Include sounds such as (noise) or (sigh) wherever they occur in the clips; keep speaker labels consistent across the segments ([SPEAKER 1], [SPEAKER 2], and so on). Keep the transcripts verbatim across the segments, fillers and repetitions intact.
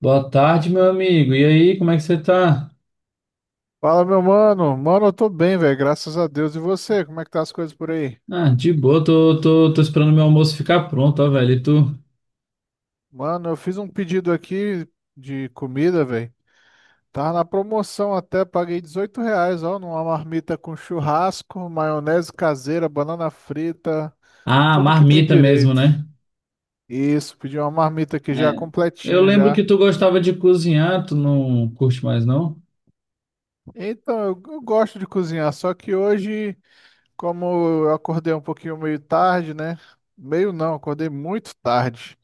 [SPEAKER 1] Boa tarde, meu amigo. E aí, como é que você tá?
[SPEAKER 2] Fala, meu mano. Mano, eu tô bem, velho, graças a Deus. E você, como é que tá as coisas por aí?
[SPEAKER 1] Ah, de boa, tô, tô, tô esperando meu almoço ficar pronto, ó, velho. E tu?
[SPEAKER 2] Mano, eu fiz um pedido aqui de comida, velho. Tava na promoção até, paguei dezoito reais, ó, numa marmita com churrasco, maionese caseira, banana frita,
[SPEAKER 1] Ah,
[SPEAKER 2] tudo que tem
[SPEAKER 1] marmita mesmo,
[SPEAKER 2] direito.
[SPEAKER 1] né?
[SPEAKER 2] Isso, pedi uma marmita aqui já
[SPEAKER 1] É. Eu
[SPEAKER 2] completinha
[SPEAKER 1] lembro que
[SPEAKER 2] já.
[SPEAKER 1] tu gostava de cozinhar, tu não curte mais, não?
[SPEAKER 2] Então, eu, eu gosto de cozinhar, só que hoje, como eu acordei um pouquinho meio tarde, né? Meio não, acordei muito tarde.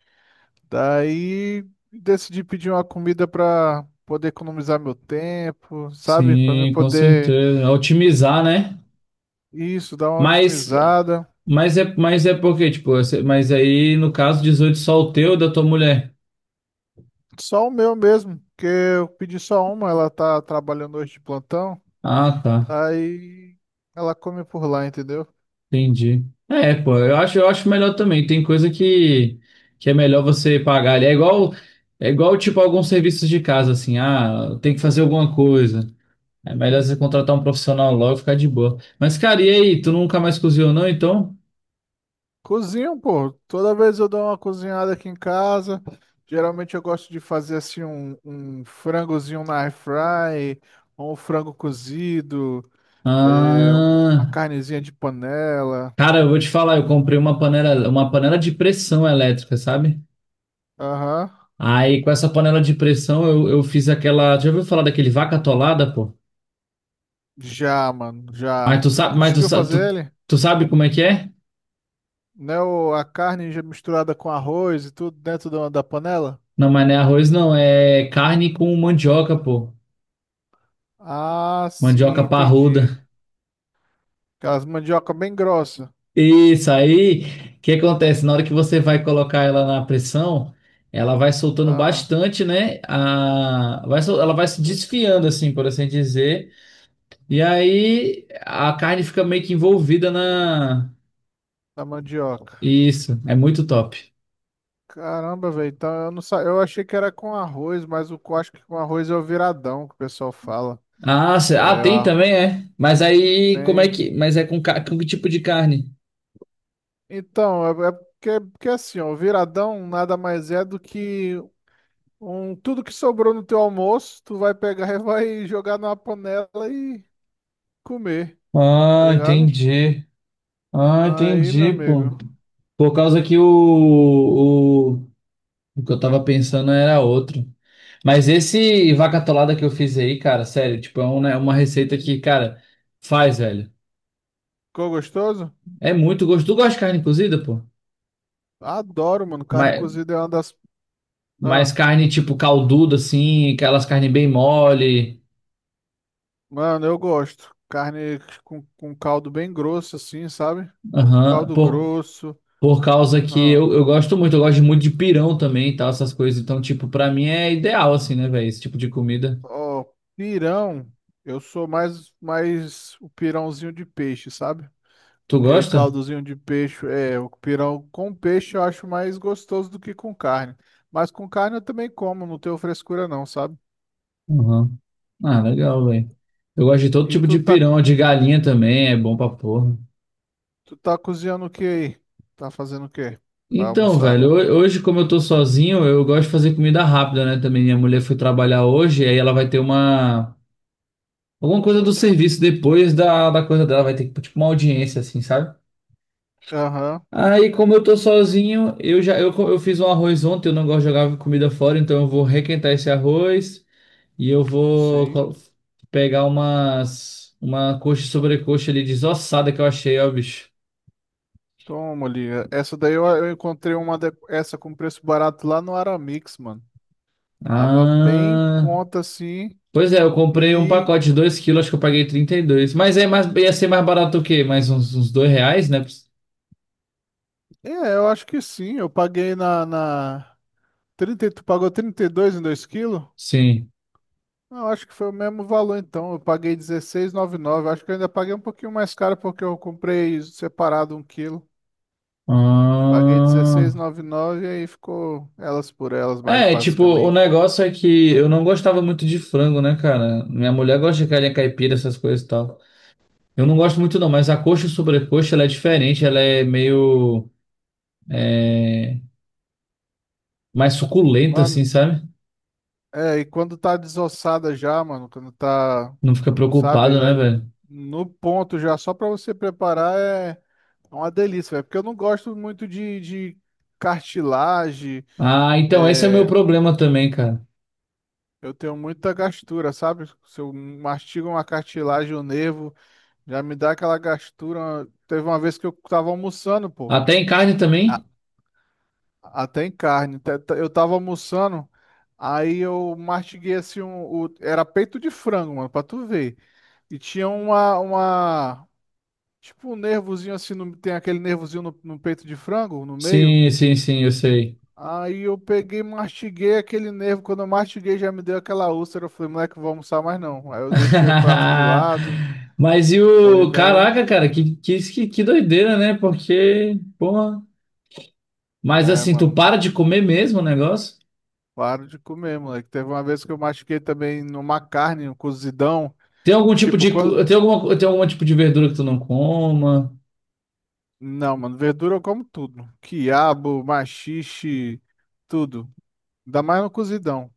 [SPEAKER 2] Daí decidi pedir uma comida para poder economizar meu tempo, sabe? Para me
[SPEAKER 1] Sim, com
[SPEAKER 2] poder
[SPEAKER 1] certeza. Otimizar, né?
[SPEAKER 2] isso, dar uma
[SPEAKER 1] Mas,
[SPEAKER 2] otimizada.
[SPEAKER 1] mas é, mas é porque, tipo, esse- mas aí, no caso, dezoito só o teu e da tua mulher.
[SPEAKER 2] Só o meu mesmo, porque eu pedi só uma, ela tá trabalhando hoje de plantão.
[SPEAKER 1] Ah, tá.
[SPEAKER 2] Aí ela come por lá, entendeu?
[SPEAKER 1] Entendi. É, pô, eu acho, eu acho melhor também. Tem coisa que, que é melhor você pagar ali. É igual, é igual, tipo, alguns serviços de casa, assim, ah, tem que fazer alguma coisa. É melhor você contratar um profissional logo e ficar de boa. Mas, cara, e aí? Tu nunca mais cozinhou, não, então?
[SPEAKER 2] Cozinho, pô. Toda vez eu dou uma cozinhada aqui em casa. Geralmente eu gosto de fazer assim um, um frangozinho na air fry, ou um frango cozido, é, um- uma
[SPEAKER 1] Ah,
[SPEAKER 2] carnezinha de panela.
[SPEAKER 1] cara, eu vou te falar, eu comprei uma panela, uma panela de pressão elétrica, sabe?
[SPEAKER 2] Aham.
[SPEAKER 1] Aí, com essa panela de pressão, eu, eu fiz aquela. Já ouviu falar daquele vaca atolada, pô?
[SPEAKER 2] Já, mano,
[SPEAKER 1] Mas
[SPEAKER 2] já.
[SPEAKER 1] tu
[SPEAKER 2] Tu
[SPEAKER 1] sabe, mas tu,
[SPEAKER 2] conseguiu
[SPEAKER 1] sa-
[SPEAKER 2] fazer
[SPEAKER 1] tu,
[SPEAKER 2] ele?
[SPEAKER 1] tu sabe como é que é?
[SPEAKER 2] Né, o- a carne já misturada com arroz e tudo dentro da, da panela?
[SPEAKER 1] Não, mas não é arroz, não. É carne com mandioca, pô.
[SPEAKER 2] Ah,
[SPEAKER 1] Mandioca
[SPEAKER 2] sim, entendi.
[SPEAKER 1] parruda.
[SPEAKER 2] Aquelas mandioca bem grossa.
[SPEAKER 1] Isso aí. O que acontece? Na hora que você vai colocar ela na pressão, ela vai soltando
[SPEAKER 2] Ah,
[SPEAKER 1] bastante, né? A... Vai sol- Ela vai se desfiando, assim, por assim dizer. E aí a carne fica meio que envolvida na.
[SPEAKER 2] da mandioca.
[SPEAKER 1] Isso. É muito top.
[SPEAKER 2] Caramba, velho. Então eu não sa... eu achei que era com arroz, mas o eu acho que com arroz é o viradão que o pessoal fala.
[SPEAKER 1] Ah, cê-
[SPEAKER 2] Que
[SPEAKER 1] ah,
[SPEAKER 2] é
[SPEAKER 1] tem
[SPEAKER 2] a...
[SPEAKER 1] também, é. Mas aí, como é
[SPEAKER 2] tem.
[SPEAKER 1] que. Mas é com, ca- com que tipo de carne?
[SPEAKER 2] Então, é, é porque, porque assim, ó, o viradão nada mais é do que um, tudo que sobrou no teu almoço, tu vai pegar e vai jogar numa panela e comer, tá
[SPEAKER 1] Ah,
[SPEAKER 2] ligado?
[SPEAKER 1] entendi. Ah,
[SPEAKER 2] Aí, meu
[SPEAKER 1] entendi, pô.
[SPEAKER 2] amigo,
[SPEAKER 1] Por causa que o, o, o que eu tava pensando era outro. Mas esse vaca atolada que eu fiz aí, cara, sério, tipo, é um, né, uma receita que, cara, faz, velho.
[SPEAKER 2] ficou gostoso?
[SPEAKER 1] É muito gostoso. Tu gosta de carne cozida, pô?
[SPEAKER 2] Adoro, mano. Carne
[SPEAKER 1] Mas,
[SPEAKER 2] cozida é uma das.
[SPEAKER 1] mas
[SPEAKER 2] Ah,
[SPEAKER 1] carne, tipo, calduda, assim, aquelas carnes bem mole.
[SPEAKER 2] mano, eu gosto. Carne com, com caldo bem grosso, assim, sabe?
[SPEAKER 1] Aham.
[SPEAKER 2] Caldo
[SPEAKER 1] Por,
[SPEAKER 2] grosso.
[SPEAKER 1] por causa que
[SPEAKER 2] Ah,
[SPEAKER 1] eu, eu gosto muito, eu gosto muito de pirão também e tal, essas coisas. Então, tipo, pra mim é ideal, assim, né, velho, esse tipo de comida.
[SPEAKER 2] ó, pirão. Eu sou mais, mais o pirãozinho de peixe, sabe?
[SPEAKER 1] Tu
[SPEAKER 2] Aquele
[SPEAKER 1] gosta?
[SPEAKER 2] caldozinho de peixe, é, o pirão com peixe eu acho mais gostoso do que com carne. Mas com carne eu também como, não tenho frescura não, sabe?
[SPEAKER 1] Aham. Ah, legal, velho. Eu gosto de todo
[SPEAKER 2] E
[SPEAKER 1] tipo
[SPEAKER 2] tu
[SPEAKER 1] de
[SPEAKER 2] tá,
[SPEAKER 1] pirão, de galinha também, é bom pra porra.
[SPEAKER 2] tu tá cozinhando o que aí? Tá fazendo o quê? Pra
[SPEAKER 1] Então,
[SPEAKER 2] almoçar.
[SPEAKER 1] velho, ho- hoje, como eu tô sozinho, eu gosto de fazer comida rápida, né? Também minha mulher foi trabalhar hoje, aí ela vai ter uma. Alguma coisa do serviço depois da, da coisa dela, vai ter tipo uma audiência, assim, sabe?
[SPEAKER 2] Aham,
[SPEAKER 1] Aí, como eu tô sozinho, eu já eu, co- eu fiz um arroz ontem, eu não gosto de jogar comida fora, então eu vou requentar esse arroz e eu vou co-
[SPEAKER 2] sim.
[SPEAKER 1] pegar umas. Uma coxa e sobrecoxa ali desossada que eu achei, ó, bicho.
[SPEAKER 2] Toma ali. Essa daí eu, eu encontrei uma de- essa com preço barato lá no Aramix, mano. Tava bem em
[SPEAKER 1] Ah,
[SPEAKER 2] conta assim.
[SPEAKER 1] pois é, eu comprei um
[SPEAKER 2] E
[SPEAKER 1] pacote de dois quilos, acho que eu paguei trinta e dois. Mas é mais, ia ser mais barato o quê? Mais uns, uns dois reais, né?
[SPEAKER 2] é, eu acho que sim. Eu paguei na, na trinta e- tu pagou trinta e dois em dois quilos?
[SPEAKER 1] Sim.
[SPEAKER 2] Não, acho que foi o mesmo valor então. Eu paguei dezesseis e noventa e nove. Acho que eu ainda paguei um pouquinho mais caro porque eu comprei separado um quilo. Paguei
[SPEAKER 1] Ah,
[SPEAKER 2] dezesseis e noventa e nove e aí ficou elas por elas, mais
[SPEAKER 1] é, tipo, o
[SPEAKER 2] basicamente.
[SPEAKER 1] negócio é que eu não gostava muito de frango, né, cara? Minha mulher gosta de galinha caipira, essas coisas e tal. Eu não gosto muito não, mas a coxa e sobrecoxa, ela é diferente, ela é meio mais suculenta, assim,
[SPEAKER 2] Mano,
[SPEAKER 1] sabe?
[SPEAKER 2] é, e quando tá desossada já, mano, quando tá,
[SPEAKER 1] Não fica
[SPEAKER 2] sabe,
[SPEAKER 1] preocupado, né,
[SPEAKER 2] da-
[SPEAKER 1] velho?
[SPEAKER 2] no ponto já, só pra você preparar é é uma delícia, velho. Porque eu não gosto muito de, de cartilagem,
[SPEAKER 1] Ah, então esse é o meu
[SPEAKER 2] é,
[SPEAKER 1] problema também, cara.
[SPEAKER 2] eu tenho muita gastura, sabe? Se eu mastigo uma cartilagem, o nervo já me dá aquela gastura. Teve uma vez que eu tava almoçando, pô.
[SPEAKER 1] Até em carne
[SPEAKER 2] a-
[SPEAKER 1] também?
[SPEAKER 2] Até em carne. Te- te- Eu tava almoçando, aí eu mastiguei assim um. o- Era peito de frango, mano, pra tu ver. E tinha uma, uma. Tipo um nervozinho assim, no- tem aquele nervozinho no, no peito de frango, no meio.
[SPEAKER 1] Sim, sim, sim, eu sei.
[SPEAKER 2] Aí eu peguei, mastiguei aquele nervo. Quando eu mastiguei, já me deu aquela úlcera. Eu falei, moleque, não vou almoçar mais não. Aí eu deixei o prato de lado.
[SPEAKER 1] (laughs) Mas e
[SPEAKER 2] Falei,
[SPEAKER 1] o.
[SPEAKER 2] véi.
[SPEAKER 1] Caraca, cara, que, que, que, que doideira, né? Porque, porra. Mas
[SPEAKER 2] É,
[SPEAKER 1] assim, tu
[SPEAKER 2] mano.
[SPEAKER 1] para de comer mesmo o negócio?
[SPEAKER 2] Claro de comer, moleque. Teve uma vez que eu machuquei também numa carne, um cozidão.
[SPEAKER 1] Tem algum tipo
[SPEAKER 2] Tipo,
[SPEAKER 1] de. co-
[SPEAKER 2] quando.
[SPEAKER 1] Tem alguma, tem algum tipo de verdura que tu não coma?
[SPEAKER 2] Não, mano, verdura eu como tudo. Quiabo, maxixe, tudo. Ainda mais no cozidão.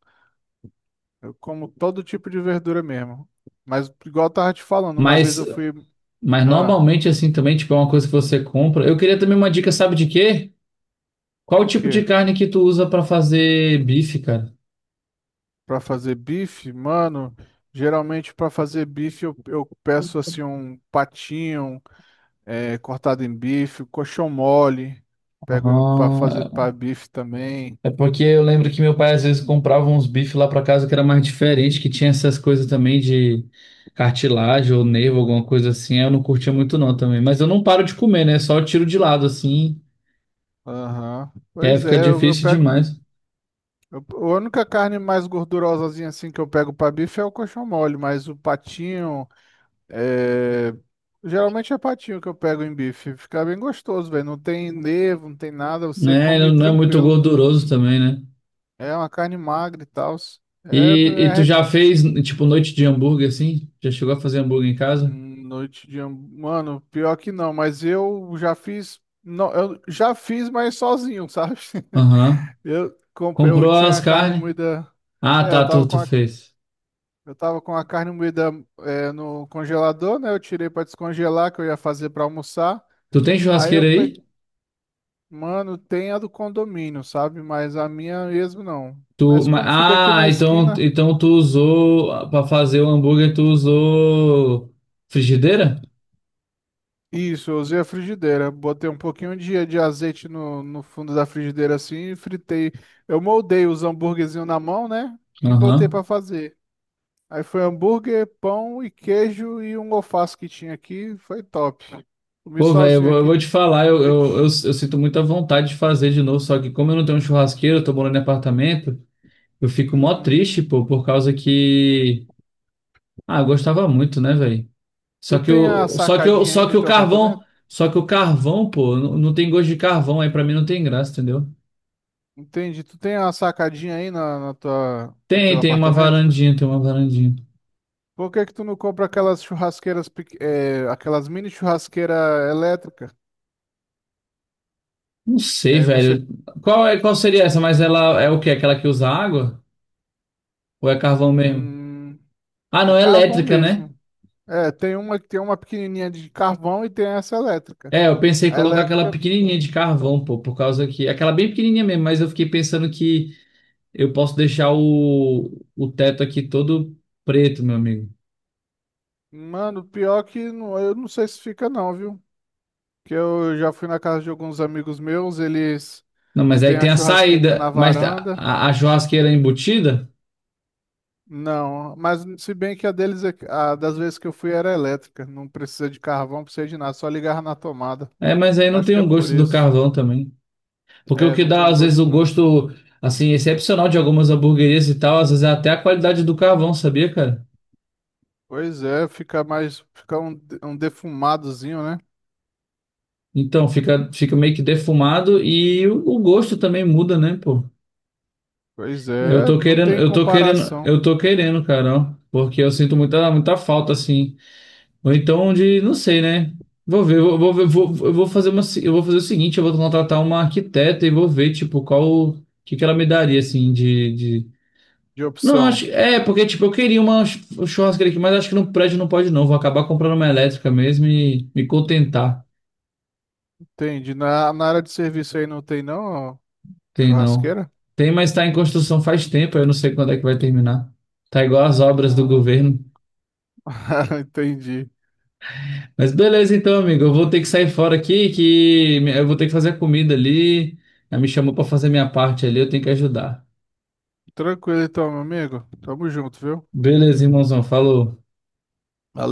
[SPEAKER 2] Eu como todo tipo de verdura mesmo. Mas, igual eu tava te falando, uma vez
[SPEAKER 1] Mas,
[SPEAKER 2] eu fui.
[SPEAKER 1] mas
[SPEAKER 2] Ah,
[SPEAKER 1] normalmente, assim, também, tipo, é uma coisa que você compra. Eu queria também uma dica, sabe de quê? Qual o
[SPEAKER 2] o
[SPEAKER 1] tipo de
[SPEAKER 2] quê?
[SPEAKER 1] carne que tu usa pra fazer bife, cara?
[SPEAKER 2] Pra fazer bife? Mano, geralmente pra fazer bife eu, eu peço assim um patinho eh, cortado em bife, coxão mole. Pego pra fazer
[SPEAKER 1] Ah,
[SPEAKER 2] pra bife também.
[SPEAKER 1] é porque eu lembro que meu pai às vezes comprava uns bifes lá pra casa que era mais diferente, que tinha essas coisas também de cartilagem ou nervo, alguma coisa assim. Eu não curtia muito não também. Mas eu não paro de comer, né? Só eu tiro de lado assim,
[SPEAKER 2] Aham.
[SPEAKER 1] que aí
[SPEAKER 2] Pois
[SPEAKER 1] fica
[SPEAKER 2] é, eu, eu
[SPEAKER 1] difícil
[SPEAKER 2] pego.
[SPEAKER 1] demais.
[SPEAKER 2] eu- a única carne mais gordurosazinha assim que eu pego pra bife é o coxão mole, mas o patinho é. Geralmente é patinho que eu pego em bife. Fica bem gostoso, velho. Não tem nervo, não tem nada. Você
[SPEAKER 1] Né?
[SPEAKER 2] come
[SPEAKER 1] Não é muito
[SPEAKER 2] tranquilo.
[SPEAKER 1] gorduroso também, né?
[SPEAKER 2] É uma carne magra e tal. É,
[SPEAKER 1] E, e
[SPEAKER 2] é
[SPEAKER 1] tu
[SPEAKER 2] reco-
[SPEAKER 1] já fez, tipo, noite de hambúrguer assim? Já chegou a fazer hambúrguer em casa?
[SPEAKER 2] hum, noite de. ham- Mano, pior que não, mas eu já fiz. Não, eu já fiz, mas sozinho, sabe?
[SPEAKER 1] Aham.
[SPEAKER 2] (laughs) Eu, comp- eu
[SPEAKER 1] Comprou
[SPEAKER 2] tinha
[SPEAKER 1] as
[SPEAKER 2] a carne
[SPEAKER 1] carnes?
[SPEAKER 2] moída.
[SPEAKER 1] Ah,
[SPEAKER 2] É, eu
[SPEAKER 1] tá,
[SPEAKER 2] tava
[SPEAKER 1] tu,
[SPEAKER 2] com
[SPEAKER 1] tu
[SPEAKER 2] a
[SPEAKER 1] fez.
[SPEAKER 2] eu tava com a carne moída é, no congelador, né? Eu tirei pra descongelar, que eu ia fazer pra almoçar.
[SPEAKER 1] Tu tem
[SPEAKER 2] Aí eu
[SPEAKER 1] churrasqueira
[SPEAKER 2] peguei,
[SPEAKER 1] aí?
[SPEAKER 2] mano, tem a do condomínio, sabe? Mas a minha mesmo não.
[SPEAKER 1] Tu,
[SPEAKER 2] Mas
[SPEAKER 1] ma-
[SPEAKER 2] como fica aqui na
[SPEAKER 1] ah, então,
[SPEAKER 2] esquina,
[SPEAKER 1] então tu usou pra fazer o hambúrguer, tu usou frigideira?
[SPEAKER 2] isso, eu usei a frigideira. Botei um pouquinho de, de azeite no, no fundo da frigideira assim e fritei. Eu moldei os hambúrguerzinhos na mão, né? E botei
[SPEAKER 1] Aham.
[SPEAKER 2] pra fazer. Aí foi hambúrguer, pão e queijo e um alface que tinha aqui. Foi top. Comi
[SPEAKER 1] Pô, velho, eu,
[SPEAKER 2] sozinho
[SPEAKER 1] vou eu
[SPEAKER 2] aqui
[SPEAKER 1] vou
[SPEAKER 2] de
[SPEAKER 1] te falar, eu, eu, eu, eu
[SPEAKER 2] noite.
[SPEAKER 1] sinto muita vontade de fazer de novo, só que como eu não tenho um churrasqueiro, eu tô morando em apartamento, eu fico mó
[SPEAKER 2] Uhum.
[SPEAKER 1] triste, pô, por causa que. Ah, eu gostava muito, né, velho? Só
[SPEAKER 2] Tu
[SPEAKER 1] que
[SPEAKER 2] tem a
[SPEAKER 1] o, só que o,
[SPEAKER 2] sacadinha aí
[SPEAKER 1] só
[SPEAKER 2] no
[SPEAKER 1] que o
[SPEAKER 2] teu
[SPEAKER 1] carvão,
[SPEAKER 2] apartamento?
[SPEAKER 1] só que o carvão, pô, não, não tem gosto de carvão, aí pra mim não tem graça, entendeu?
[SPEAKER 2] Entendi. Tu tem a sacadinha aí na, na tua, no
[SPEAKER 1] Tem,
[SPEAKER 2] teu
[SPEAKER 1] tem uma
[SPEAKER 2] apartamento?
[SPEAKER 1] varandinha, tem uma varandinha.
[SPEAKER 2] Por que que tu não compra aquelas churrasqueiras, pequ- eh, aquelas mini churrasqueira elétrica?
[SPEAKER 1] Não
[SPEAKER 2] Que
[SPEAKER 1] sei,
[SPEAKER 2] aí você,
[SPEAKER 1] velho. Qual é, qual seria essa? Mas ela é o quê? Aquela que usa água? Ou é carvão mesmo?
[SPEAKER 2] hum,
[SPEAKER 1] Ah,
[SPEAKER 2] é
[SPEAKER 1] não, é
[SPEAKER 2] carvão
[SPEAKER 1] elétrica, né?
[SPEAKER 2] mesmo. É, tem uma que tem uma pequenininha de carvão e tem essa elétrica.
[SPEAKER 1] É, eu pensei em
[SPEAKER 2] A
[SPEAKER 1] colocar aquela
[SPEAKER 2] elétrica,
[SPEAKER 1] pequenininha de carvão, pô, por causa que. Aquela bem pequenininha mesmo, mas eu fiquei pensando que eu posso deixar o, o teto aqui todo preto, meu amigo.
[SPEAKER 2] mano, pior que não, eu não sei se fica não, viu? Que eu já fui na casa de alguns amigos meus, eles
[SPEAKER 1] Não, mas
[SPEAKER 2] têm
[SPEAKER 1] aí
[SPEAKER 2] a
[SPEAKER 1] tem a
[SPEAKER 2] churrasqueirinha na
[SPEAKER 1] saída, mas a,
[SPEAKER 2] varanda.
[SPEAKER 1] a a churrasqueira embutida?
[SPEAKER 2] Não, mas se bem que a deles, é- a das vezes que eu fui era elétrica, não precisa de carvão, não precisa de nada, só ligava na tomada.
[SPEAKER 1] É, mas aí não
[SPEAKER 2] Acho
[SPEAKER 1] tem
[SPEAKER 2] que é
[SPEAKER 1] o
[SPEAKER 2] por
[SPEAKER 1] gosto do
[SPEAKER 2] isso.
[SPEAKER 1] carvão também. Porque o
[SPEAKER 2] É,
[SPEAKER 1] que
[SPEAKER 2] não tem
[SPEAKER 1] dá,
[SPEAKER 2] um
[SPEAKER 1] às vezes, o
[SPEAKER 2] gosto não.
[SPEAKER 1] gosto, assim, excepcional de algumas hamburguerias e tal, às vezes é até a qualidade do carvão, sabia, cara?
[SPEAKER 2] Pois é, fica mais, fica um, um defumadozinho, né?
[SPEAKER 1] Então, fica, fica meio que defumado e o, o gosto também muda, né, pô?
[SPEAKER 2] Pois
[SPEAKER 1] Eu
[SPEAKER 2] é,
[SPEAKER 1] tô
[SPEAKER 2] não
[SPEAKER 1] querendo,
[SPEAKER 2] tem
[SPEAKER 1] eu tô querendo,
[SPEAKER 2] comparação
[SPEAKER 1] eu tô querendo, cara, ó, porque eu sinto muita, muita falta, assim. Ou então de, não sei, né? Vou ver, vou, vou ver, vou, eu vou fazer uma, se- eu vou fazer o seguinte, eu vou contratar uma arquiteta e vou ver, tipo, qual, o que que ela me daria, assim, de, de...
[SPEAKER 2] de
[SPEAKER 1] Não, acho,
[SPEAKER 2] opção.
[SPEAKER 1] é, porque, tipo, eu queria uma ch- churrasqueira aqui, mas acho que no prédio não pode não, vou acabar comprando uma elétrica mesmo e me contentar.
[SPEAKER 2] Entendi. Na, na área de serviço aí não tem não, ó,
[SPEAKER 1] Tem não.
[SPEAKER 2] churrasqueira?
[SPEAKER 1] Tem, mas está em construção faz tempo, eu não sei quando é que vai terminar. Tá igual as obras do
[SPEAKER 2] Não.
[SPEAKER 1] governo.
[SPEAKER 2] (laughs) Entendi.
[SPEAKER 1] Mas beleza então, amigo, eu vou ter que sair fora aqui, que eu vou ter que fazer a comida ali. Ela me chamou para fazer minha parte ali, eu tenho que ajudar.
[SPEAKER 2] Tranquilo então, meu amigo. Tamo junto, viu?
[SPEAKER 1] Beleza, irmãozão, falou.
[SPEAKER 2] Valeu.